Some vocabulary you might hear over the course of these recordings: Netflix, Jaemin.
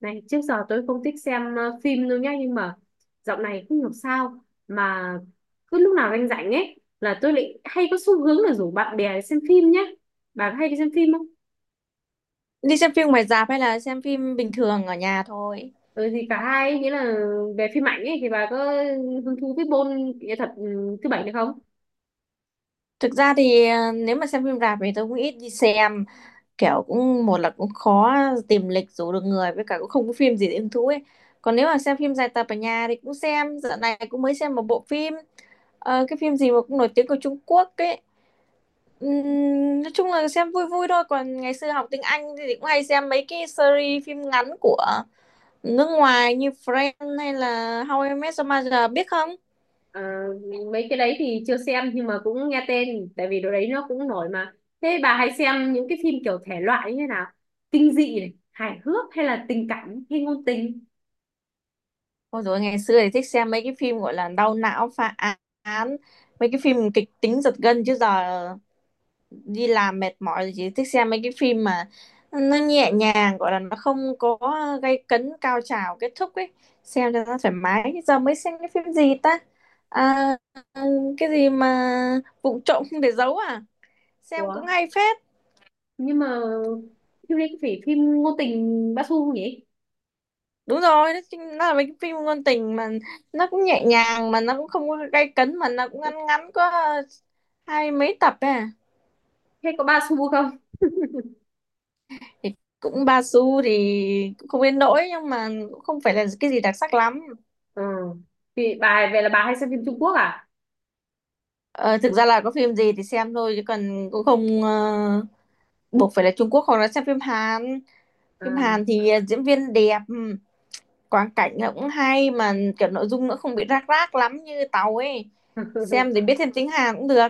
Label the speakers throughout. Speaker 1: Này, trước giờ tôi không thích xem phim đâu nhá, nhưng mà dạo này không hiểu sao mà cứ lúc nào anh rảnh ấy là tôi lại hay có xu hướng là rủ bạn bè đi xem phim nhá. Bà có hay đi xem phim không?
Speaker 2: Đi xem phim ngoài rạp hay là xem phim bình thường ở nhà thôi?
Speaker 1: Ừ thì cả hai ấy, nghĩa là về phim ảnh ấy thì bà có hứng thú với môn nghệ thuật thứ bảy được không?
Speaker 2: Thực ra thì nếu mà xem phim rạp thì tôi cũng ít đi xem. Kiểu cũng một là cũng khó tìm lịch rủ được người, với cả cũng không có phim gì để hứng thú ấy. Còn nếu mà xem phim dài tập ở nhà thì cũng xem. Dạo này cũng mới xem một bộ phim. Cái phim gì mà cũng nổi tiếng của Trung Quốc ấy. Nói chung là xem vui vui thôi. Còn ngày xưa học tiếng Anh thì cũng hay xem mấy cái series phim ngắn của nước ngoài như Friends hay là How I Met Your Mother, biết không?
Speaker 1: Ờ, mấy cái đấy thì chưa xem nhưng mà cũng nghe tên tại vì đồ đấy nó cũng nổi mà. Thế bà hay xem những cái phim kiểu thể loại như thế nào? Kinh dị này, hài hước hay là tình cảm hay ngôn tình?
Speaker 2: Ôi dồi, ngày xưa thì thích xem mấy cái phim gọi là đau não, phá án, mấy cái phim kịch tính giật gân. Chứ giờ đi làm mệt mỏi thì chỉ thích xem mấy cái phim mà nó nhẹ nhàng, gọi là nó không có gay cấn cao trào kết thúc ấy, xem cho nó thoải mái. Giờ mới xem cái phim gì ta, à, cái gì mà Vụng Trộm Không Để Giấu à, xem
Speaker 1: Ủa?
Speaker 2: cũng hay phết.
Speaker 1: Nhưng mà phim này có phải phim ngôn tình ba xu không nhỉ?
Speaker 2: Đúng rồi, nó là mấy cái phim ngôn tình mà nó cũng nhẹ nhàng, mà nó cũng không có gay cấn, mà nó cũng ngắn ngắn, có hai mấy tập ấy à.
Speaker 1: Hay có ba xu không?
Speaker 2: Thì cũng Basu thì cũng không đến nỗi, nhưng mà cũng không phải là cái gì đặc sắc lắm.
Speaker 1: Ờ, thì bà về là bà hay xem phim Trung Quốc à?
Speaker 2: Ờ, thực ra là có phim gì thì xem thôi, chứ còn cũng không buộc phải là Trung Quốc, hoặc là xem phim Hàn. Phim
Speaker 1: À.
Speaker 2: Hàn thì diễn viên đẹp, quang cảnh nó cũng hay, mà kiểu nội dung nó không bị rác rác lắm như Tàu ấy. Xem thì biết thêm tiếng Hàn cũng được.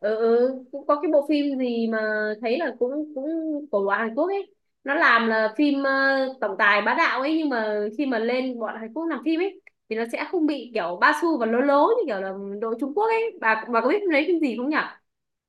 Speaker 1: Ừ, ừ. Cũng có cái bộ phim gì mà thấy là cũng cũng của bọn Hàn Quốc ấy, nó làm là phim tổng tài bá đạo ấy, nhưng mà khi mà lên bọn Hàn Quốc làm phim ấy thì nó sẽ không bị kiểu ba xu và lố lố như kiểu là đội Trung Quốc ấy. Bà có biết lấy phim gì không nhỉ?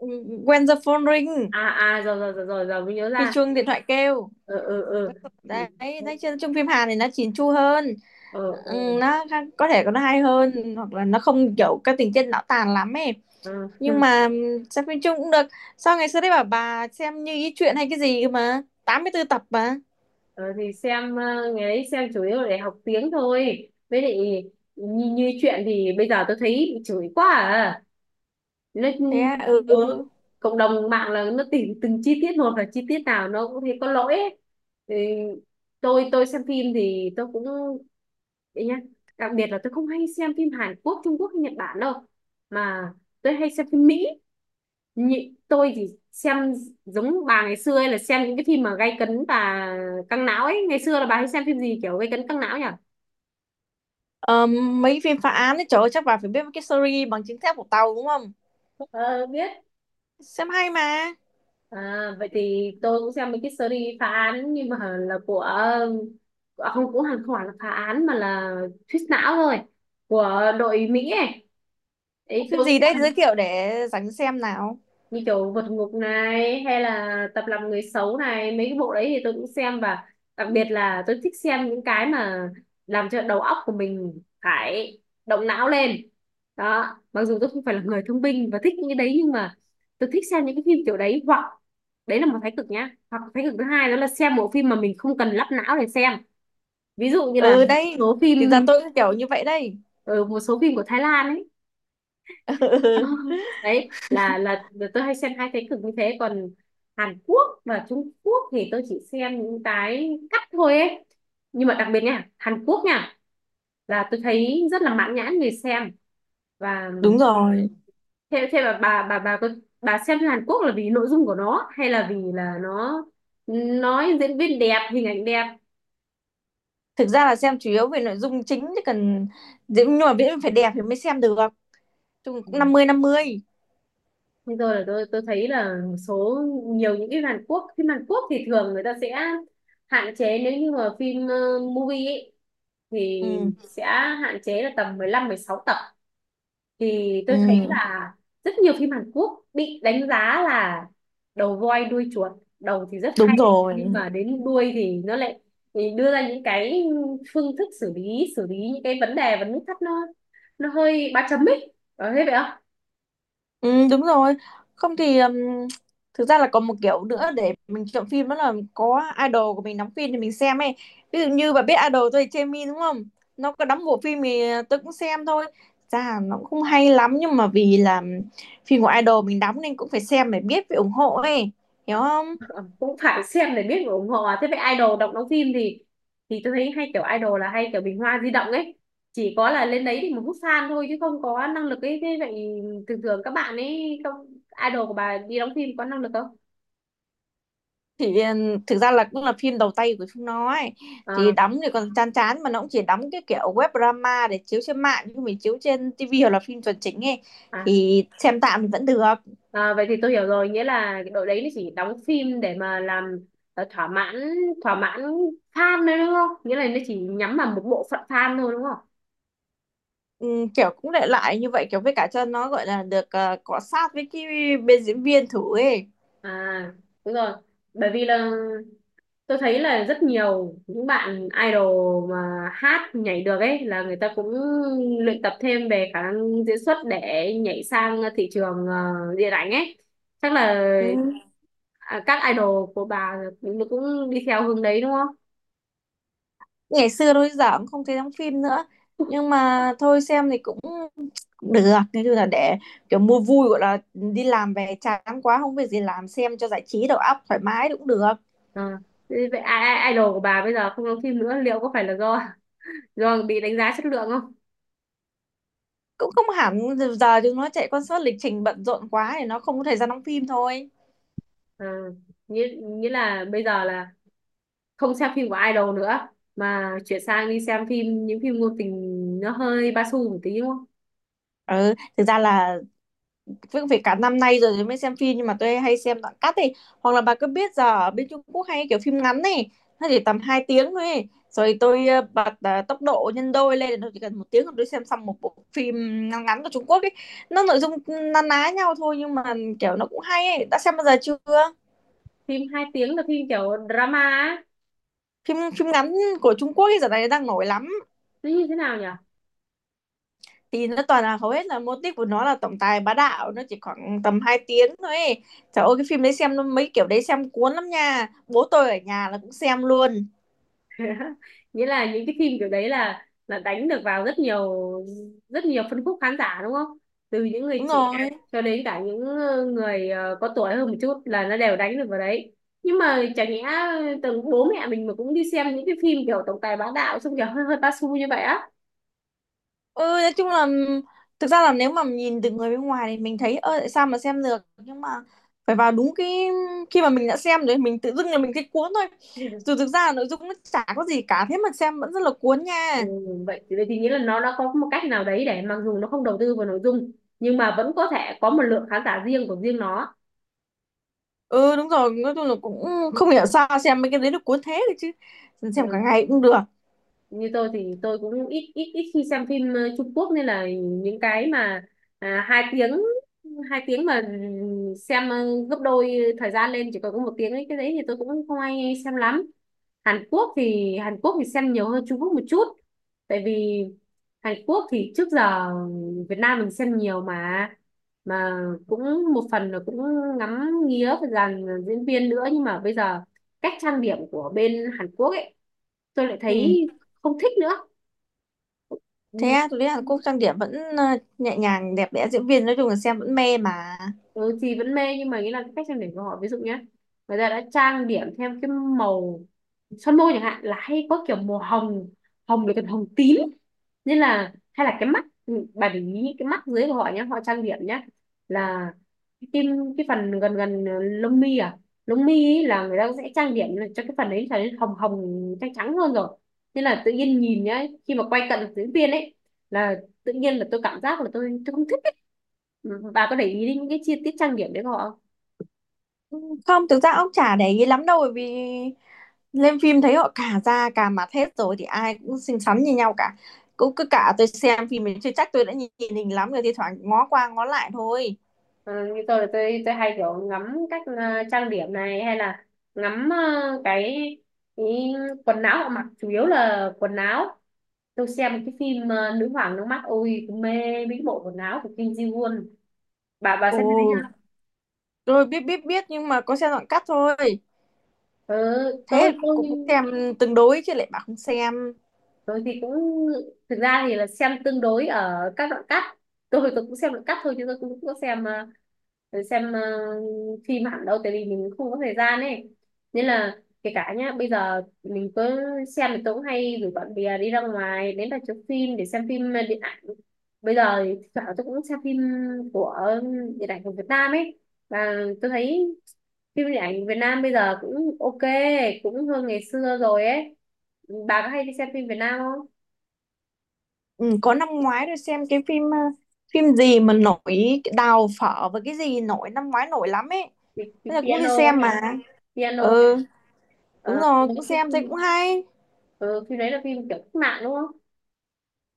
Speaker 2: Ừ, When the phone ring,
Speaker 1: À, à, rồi rồi rồi rồi, rồi mới nhớ
Speaker 2: khi
Speaker 1: ra.
Speaker 2: chuông điện thoại kêu.
Speaker 1: Ờ, ờ, ờ. Ừ.
Speaker 2: Đấy, thấy chưa, chung phim Hàn thì nó chỉn chu hơn.
Speaker 1: Ừ,
Speaker 2: Ừ,
Speaker 1: ừ.
Speaker 2: nó có thể nó hay hơn, hoặc là nó không kiểu cái tình tiết não tàn lắm ấy.
Speaker 1: Ờ.
Speaker 2: Nhưng mà xem phim chung cũng được. Sao ngày xưa đấy bảo bà xem Như Ý Chuyện hay cái gì mà 84 tập mà?
Speaker 1: Ờ, thì xem, ngày đấy xem chủ yếu để học tiếng thôi, với lại như chuyện thì bây giờ tôi thấy bị chửi quá à. Nó,
Speaker 2: Thế à? Ừ.
Speaker 1: ừ, cộng đồng mạng là nó tìm từng chi tiết một và chi tiết nào nó cũng thấy có lỗi ấy. Thì tôi xem phim thì tôi cũng đấy nhá. Đặc biệt là tôi không hay xem phim Hàn Quốc, Trung Quốc hay Nhật Bản đâu, mà tôi hay xem phim Mỹ. Nhị, tôi thì xem giống bà ngày xưa ấy, là xem những cái phim mà gay cấn và căng não ấy. Ngày xưa là bà hay xem phim gì kiểu gay cấn căng não nhỉ?
Speaker 2: Ờ, mấy phim phá án ấy, trời ơi, chắc bà phải biết cái series Bằng Chứng Thép của Tàu đúng không?
Speaker 1: Ờ, biết.
Speaker 2: Xem hay mà.
Speaker 1: À, vậy thì tôi cũng xem mấy cái series phá án, nhưng mà là của, à, không cũng hẳn không phải là phá án mà là thuyết não thôi của đội Mỹ ấy. Đấy,
Speaker 2: Phim
Speaker 1: tôi cũng
Speaker 2: gì đấy thì giới
Speaker 1: xem,
Speaker 2: thiệu để rảnh xem nào.
Speaker 1: như kiểu vượt ngục này hay là tập làm người xấu này, mấy cái bộ đấy thì tôi cũng xem. Và đặc biệt là tôi thích xem những cái mà làm cho đầu óc của mình phải động não lên đó, mặc dù tôi không phải là người thông minh và thích những cái đấy, nhưng mà tôi thích xem những cái phim kiểu đấy. Hoặc đấy là một thái cực nhá, hoặc thái cực thứ hai đó là xem bộ phim mà mình không cần lắp não để xem, ví dụ như là
Speaker 2: Ừ, đây
Speaker 1: số
Speaker 2: thì giờ
Speaker 1: phim,
Speaker 2: tôi cũng kiểu như vậy đây.
Speaker 1: ở một số phim của Thái Lan ấy. Ờ, đấy là tôi hay xem hai thế cực như thế. Còn Hàn Quốc và Trung Quốc thì tôi chỉ xem những cái cắt thôi ấy, nhưng mà đặc biệt nha, Hàn Quốc nha, là tôi thấy rất là mãn nhãn người xem. Và
Speaker 2: Đúng rồi.
Speaker 1: thế thế mà bà có, bà xem phim Hàn Quốc là vì nội dung của nó hay là vì là nó, nói diễn viên đẹp, hình ảnh đẹp?
Speaker 2: Thực ra là xem chủ yếu về nội dung chính chứ cần, nhưng mà miễn phải đẹp thì mới xem được. Chung cũng năm mươi.
Speaker 1: Bây giờ là tôi thấy là một số, nhiều những cái Hàn Quốc, phim Hàn Quốc thì thường người ta sẽ hạn chế, nếu như mà phim movie ấy, thì
Speaker 2: Ừm,
Speaker 1: sẽ hạn chế là tầm 15 16 tập. Thì tôi thấy
Speaker 2: ừm,
Speaker 1: là rất nhiều phim Hàn Quốc bị đánh giá là đầu voi đuôi chuột, đầu thì rất
Speaker 2: đúng
Speaker 1: hay
Speaker 2: rồi.
Speaker 1: nhưng mà đến đuôi thì nó lại, thì đưa ra những cái phương thức xử lý những cái vấn đề vấn thắc, nó hơi ba chấm ấy, có thế vậy không?
Speaker 2: Đúng rồi. Không thì, thực ra là còn một kiểu nữa để mình chọn phim, đó là có idol của mình đóng phim thì mình xem ấy. Ví dụ như bà biết idol tôi là Jaemin, đúng không? Nó có đóng bộ phim thì tôi cũng xem thôi. Thực ra nó cũng không hay lắm, nhưng mà vì là phim của idol mình đóng nên cũng phải xem để biết, phải ủng hộ ấy. Hiểu không?
Speaker 1: Ờ, cũng phải xem để biết và ủng hộ à. Thế vậy idol đọc đóng phim thì tôi thấy hay kiểu idol là hay kiểu bình hoa di động ấy, chỉ có là lên đấy thì một hút fan thôi chứ không có năng lực ấy. Thế vậy thường thường các bạn ấy không, idol của bà đi đóng phim có năng lực không?
Speaker 2: Thì thực ra là cũng là phim đầu tay của Phương nó ấy. Thì
Speaker 1: À,
Speaker 2: đóng thì còn chán chán, mà nó cũng chỉ đóng cái kiểu web drama để chiếu trên mạng, nhưng mình chiếu trên tivi hoặc là phim chuẩn chính ấy.
Speaker 1: à,
Speaker 2: Thì xem tạm thì vẫn được.
Speaker 1: à, vậy thì tôi hiểu rồi, nghĩa là cái đội đấy nó chỉ đóng phim để mà làm ờ, thỏa mãn thỏa mãn fan thôi đúng không, nghĩa là nó chỉ nhắm vào một bộ phận fan thôi đúng không?
Speaker 2: Kiểu cũng để lại như vậy, kiểu với cả cho nó gọi là được cọ sát với cái bên diễn viên thử ấy.
Speaker 1: À, đúng rồi. Bởi vì là tôi thấy là rất nhiều những bạn idol mà hát nhảy được ấy là người ta cũng luyện tập thêm về khả năng diễn xuất để nhảy sang thị trường điện ảnh ấy. Chắc là,
Speaker 2: Ừm,
Speaker 1: các idol của bà cũng cũng đi theo hướng đấy đúng không?
Speaker 2: ngày xưa thôi, giờ cũng không thấy đóng phim nữa. Nhưng mà thôi xem thì cũng cũng được. Nói chung là để kiểu mua vui, gọi là đi làm về chán quá không việc gì làm, xem cho giải trí đầu óc thoải mái cũng được.
Speaker 1: Ờ. Vậy idol của bà bây giờ không đóng phim nữa liệu có phải là do do bị đánh giá chất lượng không?
Speaker 2: Cũng không hẳn. Giờ chúng nó chạy concert lịch trình bận rộn quá thì nó không có thời gian đóng phim thôi.
Speaker 1: Ờ. Nghĩa là bây giờ là không xem phim của idol nữa, mà chuyển sang đi xem phim, những phim ngôn tình nó hơi ba xu một tí đúng không?
Speaker 2: Ừ, thực ra là việc phải cả năm nay rồi mới xem phim, nhưng mà tôi hay xem đoạn cắt ấy. Hoặc là bà cứ biết giờ ở bên Trung Quốc hay kiểu phim ngắn này, nó chỉ tầm 2 tiếng thôi ấy. Rồi tôi bật tốc độ nhân đôi lên, tôi chỉ cần một tiếng là tôi xem xong một bộ phim ngắn ngắn của Trung Quốc ấy. Nó nội dung na ná nhau thôi, nhưng mà kiểu nó cũng hay ấy. Đã xem bao giờ chưa?
Speaker 1: Phim hai tiếng là phim kiểu drama á.
Speaker 2: Phim phim ngắn của Trung Quốc ấy giờ này đang nổi lắm.
Speaker 1: Nó như thế nào nhỉ?
Speaker 2: Thì nó toàn là, hầu hết là mô típ của nó là tổng tài bá đạo, nó chỉ khoảng tầm 2 tiếng thôi ấy. Trời ơi, cái phim đấy xem nó mấy kiểu đấy xem cuốn lắm nha, bố tôi ở nhà là cũng xem luôn.
Speaker 1: Nghĩa là những cái phim kiểu đấy là đánh được vào rất nhiều, rất nhiều phân khúc khán giả đúng không? Từ những người
Speaker 2: Đúng
Speaker 1: trẻ
Speaker 2: rồi.
Speaker 1: cho đến cả những người có tuổi hơn một chút, là nó đều đánh được vào đấy. Nhưng mà chả nhẽ từng bố mẹ mình mà cũng đi xem những cái phim kiểu tổng tài bá đạo xong kiểu hơi hơi ba xu như vậy á?
Speaker 2: Ừ, nói chung là thực ra là nếu mà nhìn từ người bên ngoài thì mình thấy ơ tại sao mà xem được, nhưng mà phải vào đúng cái khi mà mình đã xem rồi, mình tự dưng là mình thấy cuốn thôi. Dù thực ra là nội dung nó chả có gì cả, thế mà xem vẫn rất là cuốn
Speaker 1: Ừ,
Speaker 2: nha.
Speaker 1: vậy thì nghĩa là nó đã có một cách nào đấy để mặc dù nó không đầu tư vào nội dung, nhưng mà vẫn có thể có một lượng khán giả riêng của riêng nó.
Speaker 2: Ừ, đúng rồi, nói chung là cũng không hiểu sao xem mấy cái đấy được cuốn thế được chứ. Xem cả
Speaker 1: Ừ.
Speaker 2: ngày cũng được.
Speaker 1: Như tôi thì tôi cũng ít ít ít khi xem phim Trung Quốc, nên là những cái mà 2 tiếng, 2 tiếng mà xem gấp đôi thời gian lên, chỉ còn có 1 tiếng ấy, cái đấy thì tôi cũng không ai xem lắm. Hàn Quốc thì xem nhiều hơn Trung Quốc một chút, tại vì Hàn Quốc thì trước giờ Việt Nam mình xem nhiều mà cũng một phần là cũng ngắm nghía về dàn diễn viên nữa. Nhưng mà bây giờ cách trang điểm của bên Hàn Quốc ấy tôi lại
Speaker 2: Ừ.
Speaker 1: thấy không thích nữa.
Speaker 2: Thế à, tôi thấy Hàn
Speaker 1: Ừ.
Speaker 2: Quốc trang điểm vẫn ờ, nhẹ nhàng đẹp đẽ, diễn viên nói chung là xem vẫn mê mà.
Speaker 1: Ừ, chị vẫn mê nhưng mà nghĩ là cái cách trang điểm của họ, ví dụ nhé, người ta đã trang điểm theo cái màu son môi chẳng hạn là hay có kiểu màu hồng hồng với cả hồng tím, nên là hay là cái mắt, bà để ý những cái mắt dưới của họ nhé, họ trang điểm nhé, là cái tim, cái phần gần gần lông mi, à, lông mi ý là người ta sẽ trang điểm là cho cái phần đấy trở nên hồng hồng trắng trắng hơn rồi. Nên là tự nhiên nhìn nhá, khi mà quay cận diễn viên ấy, là tự nhiên là tôi cảm giác là tôi không thích. Ừ, bà có để ý đến những cái chi tiết trang điểm đấy của họ không?
Speaker 2: Không, thực ra ông chả để ý lắm đâu, bởi vì lên phim thấy họ cả da cả mặt hết rồi thì ai cũng xinh xắn như nhau cả. Cũng cứ cả tôi xem phim mình chưa chắc tôi đã nhìn hình lắm, rồi thì thoảng ngó qua ngó lại thôi.
Speaker 1: Ừ, như tôi là tôi hay kiểu ngắm cách trang điểm này, hay là ngắm cái, cái quần áo họ mặc, chủ yếu là quần áo. Tôi xem cái phim nữ hoàng nước mắt, ôi tôi mê mấy cái bộ quần áo của Kim Ji Won. Bà
Speaker 2: Ồ,
Speaker 1: xem cái đấy chưa?
Speaker 2: tôi biết biết biết, nhưng mà có xem đoạn cắt thôi.
Speaker 1: Ừ, tôi
Speaker 2: Thế
Speaker 1: tôi
Speaker 2: cũng xem tương đối chứ lại bảo không xem.
Speaker 1: tôi thì cũng, thực ra thì là xem tương đối ở các đoạn cắt. Tôi cũng xem đoạn cắt thôi chứ tôi cũng không có xem, xem phim hẳn đâu, tại vì mình không có thời gian ấy. Nên là, kể cả nhá, bây giờ mình cứ xem, thì tôi cũng hay rủ bạn bè đi ra ngoài đến rạp chiếu phim để xem phim điện ảnh. Bây giờ thì thỉnh thoảng tôi cũng xem phim của điện ảnh của Việt Nam ấy, và tôi thấy phim điện ảnh Việt Nam bây giờ cũng ok, cũng hơn ngày xưa rồi ấy. Bà có hay đi xem phim Việt Nam không?
Speaker 2: Ừ, có năm ngoái tôi xem cái phim phim gì mà nổi, cái Đào Phở và cái gì nổi năm ngoái nổi lắm ấy.
Speaker 1: Thì
Speaker 2: Thế là cũng đi
Speaker 1: piano ấy
Speaker 2: xem mà.
Speaker 1: hả? Piano.
Speaker 2: Ừ, đúng
Speaker 1: ờ,
Speaker 2: rồi,
Speaker 1: cái
Speaker 2: cũng xem thấy cũng
Speaker 1: phim,
Speaker 2: hay.
Speaker 1: ừ, phim đấy là phim kiểu cách mạng đúng không?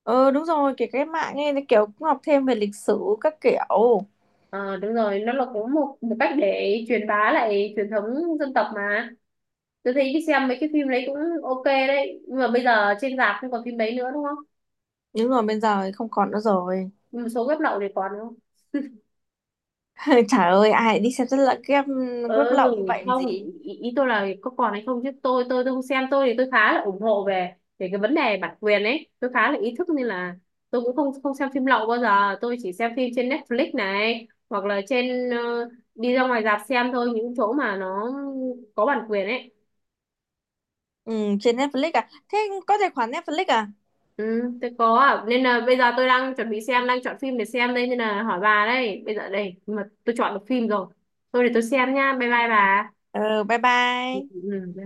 Speaker 2: Ừ, đúng rồi, kể cái mạng ấy, cái kiểu cũng học thêm về lịch sử các kiểu.
Speaker 1: Ờ, đúng rồi, nó là cũng một một cách để truyền bá lại truyền thống dân tộc mà. Tôi thấy đi xem mấy cái phim đấy cũng ok đấy, nhưng mà bây giờ trên rạp không còn phim đấy nữa đúng không?
Speaker 2: Nhưng mà bây giờ thì không còn nữa rồi.
Speaker 1: Một số web lậu thì còn đúng không?
Speaker 2: Trời ơi, ai đi xem rất là game web lậu như
Speaker 1: Ừ.
Speaker 2: vậy làm
Speaker 1: Không.
Speaker 2: gì.
Speaker 1: Ý tôi là có còn hay không, chứ tôi không xem. Tôi thì tôi khá là ủng hộ về về cái vấn đề bản quyền ấy, tôi khá là ý thức nên là tôi cũng không không xem phim lậu bao giờ. Tôi chỉ xem phim trên Netflix này hoặc là trên, đi ra ngoài rạp xem thôi, những chỗ mà nó có bản quyền ấy.
Speaker 2: Ừ, trên Netflix à? Thế có tài khoản Netflix à?
Speaker 1: Ừ, tôi có ạ. Nên là bây giờ tôi đang chuẩn bị xem, đang chọn phim để xem đây, nên là hỏi bà đây bây giờ đây. Nhưng mà tôi chọn được phim rồi, tôi để tôi xem nha, bye bye bà.
Speaker 2: Ừ, bye bye.
Speaker 1: Ừ.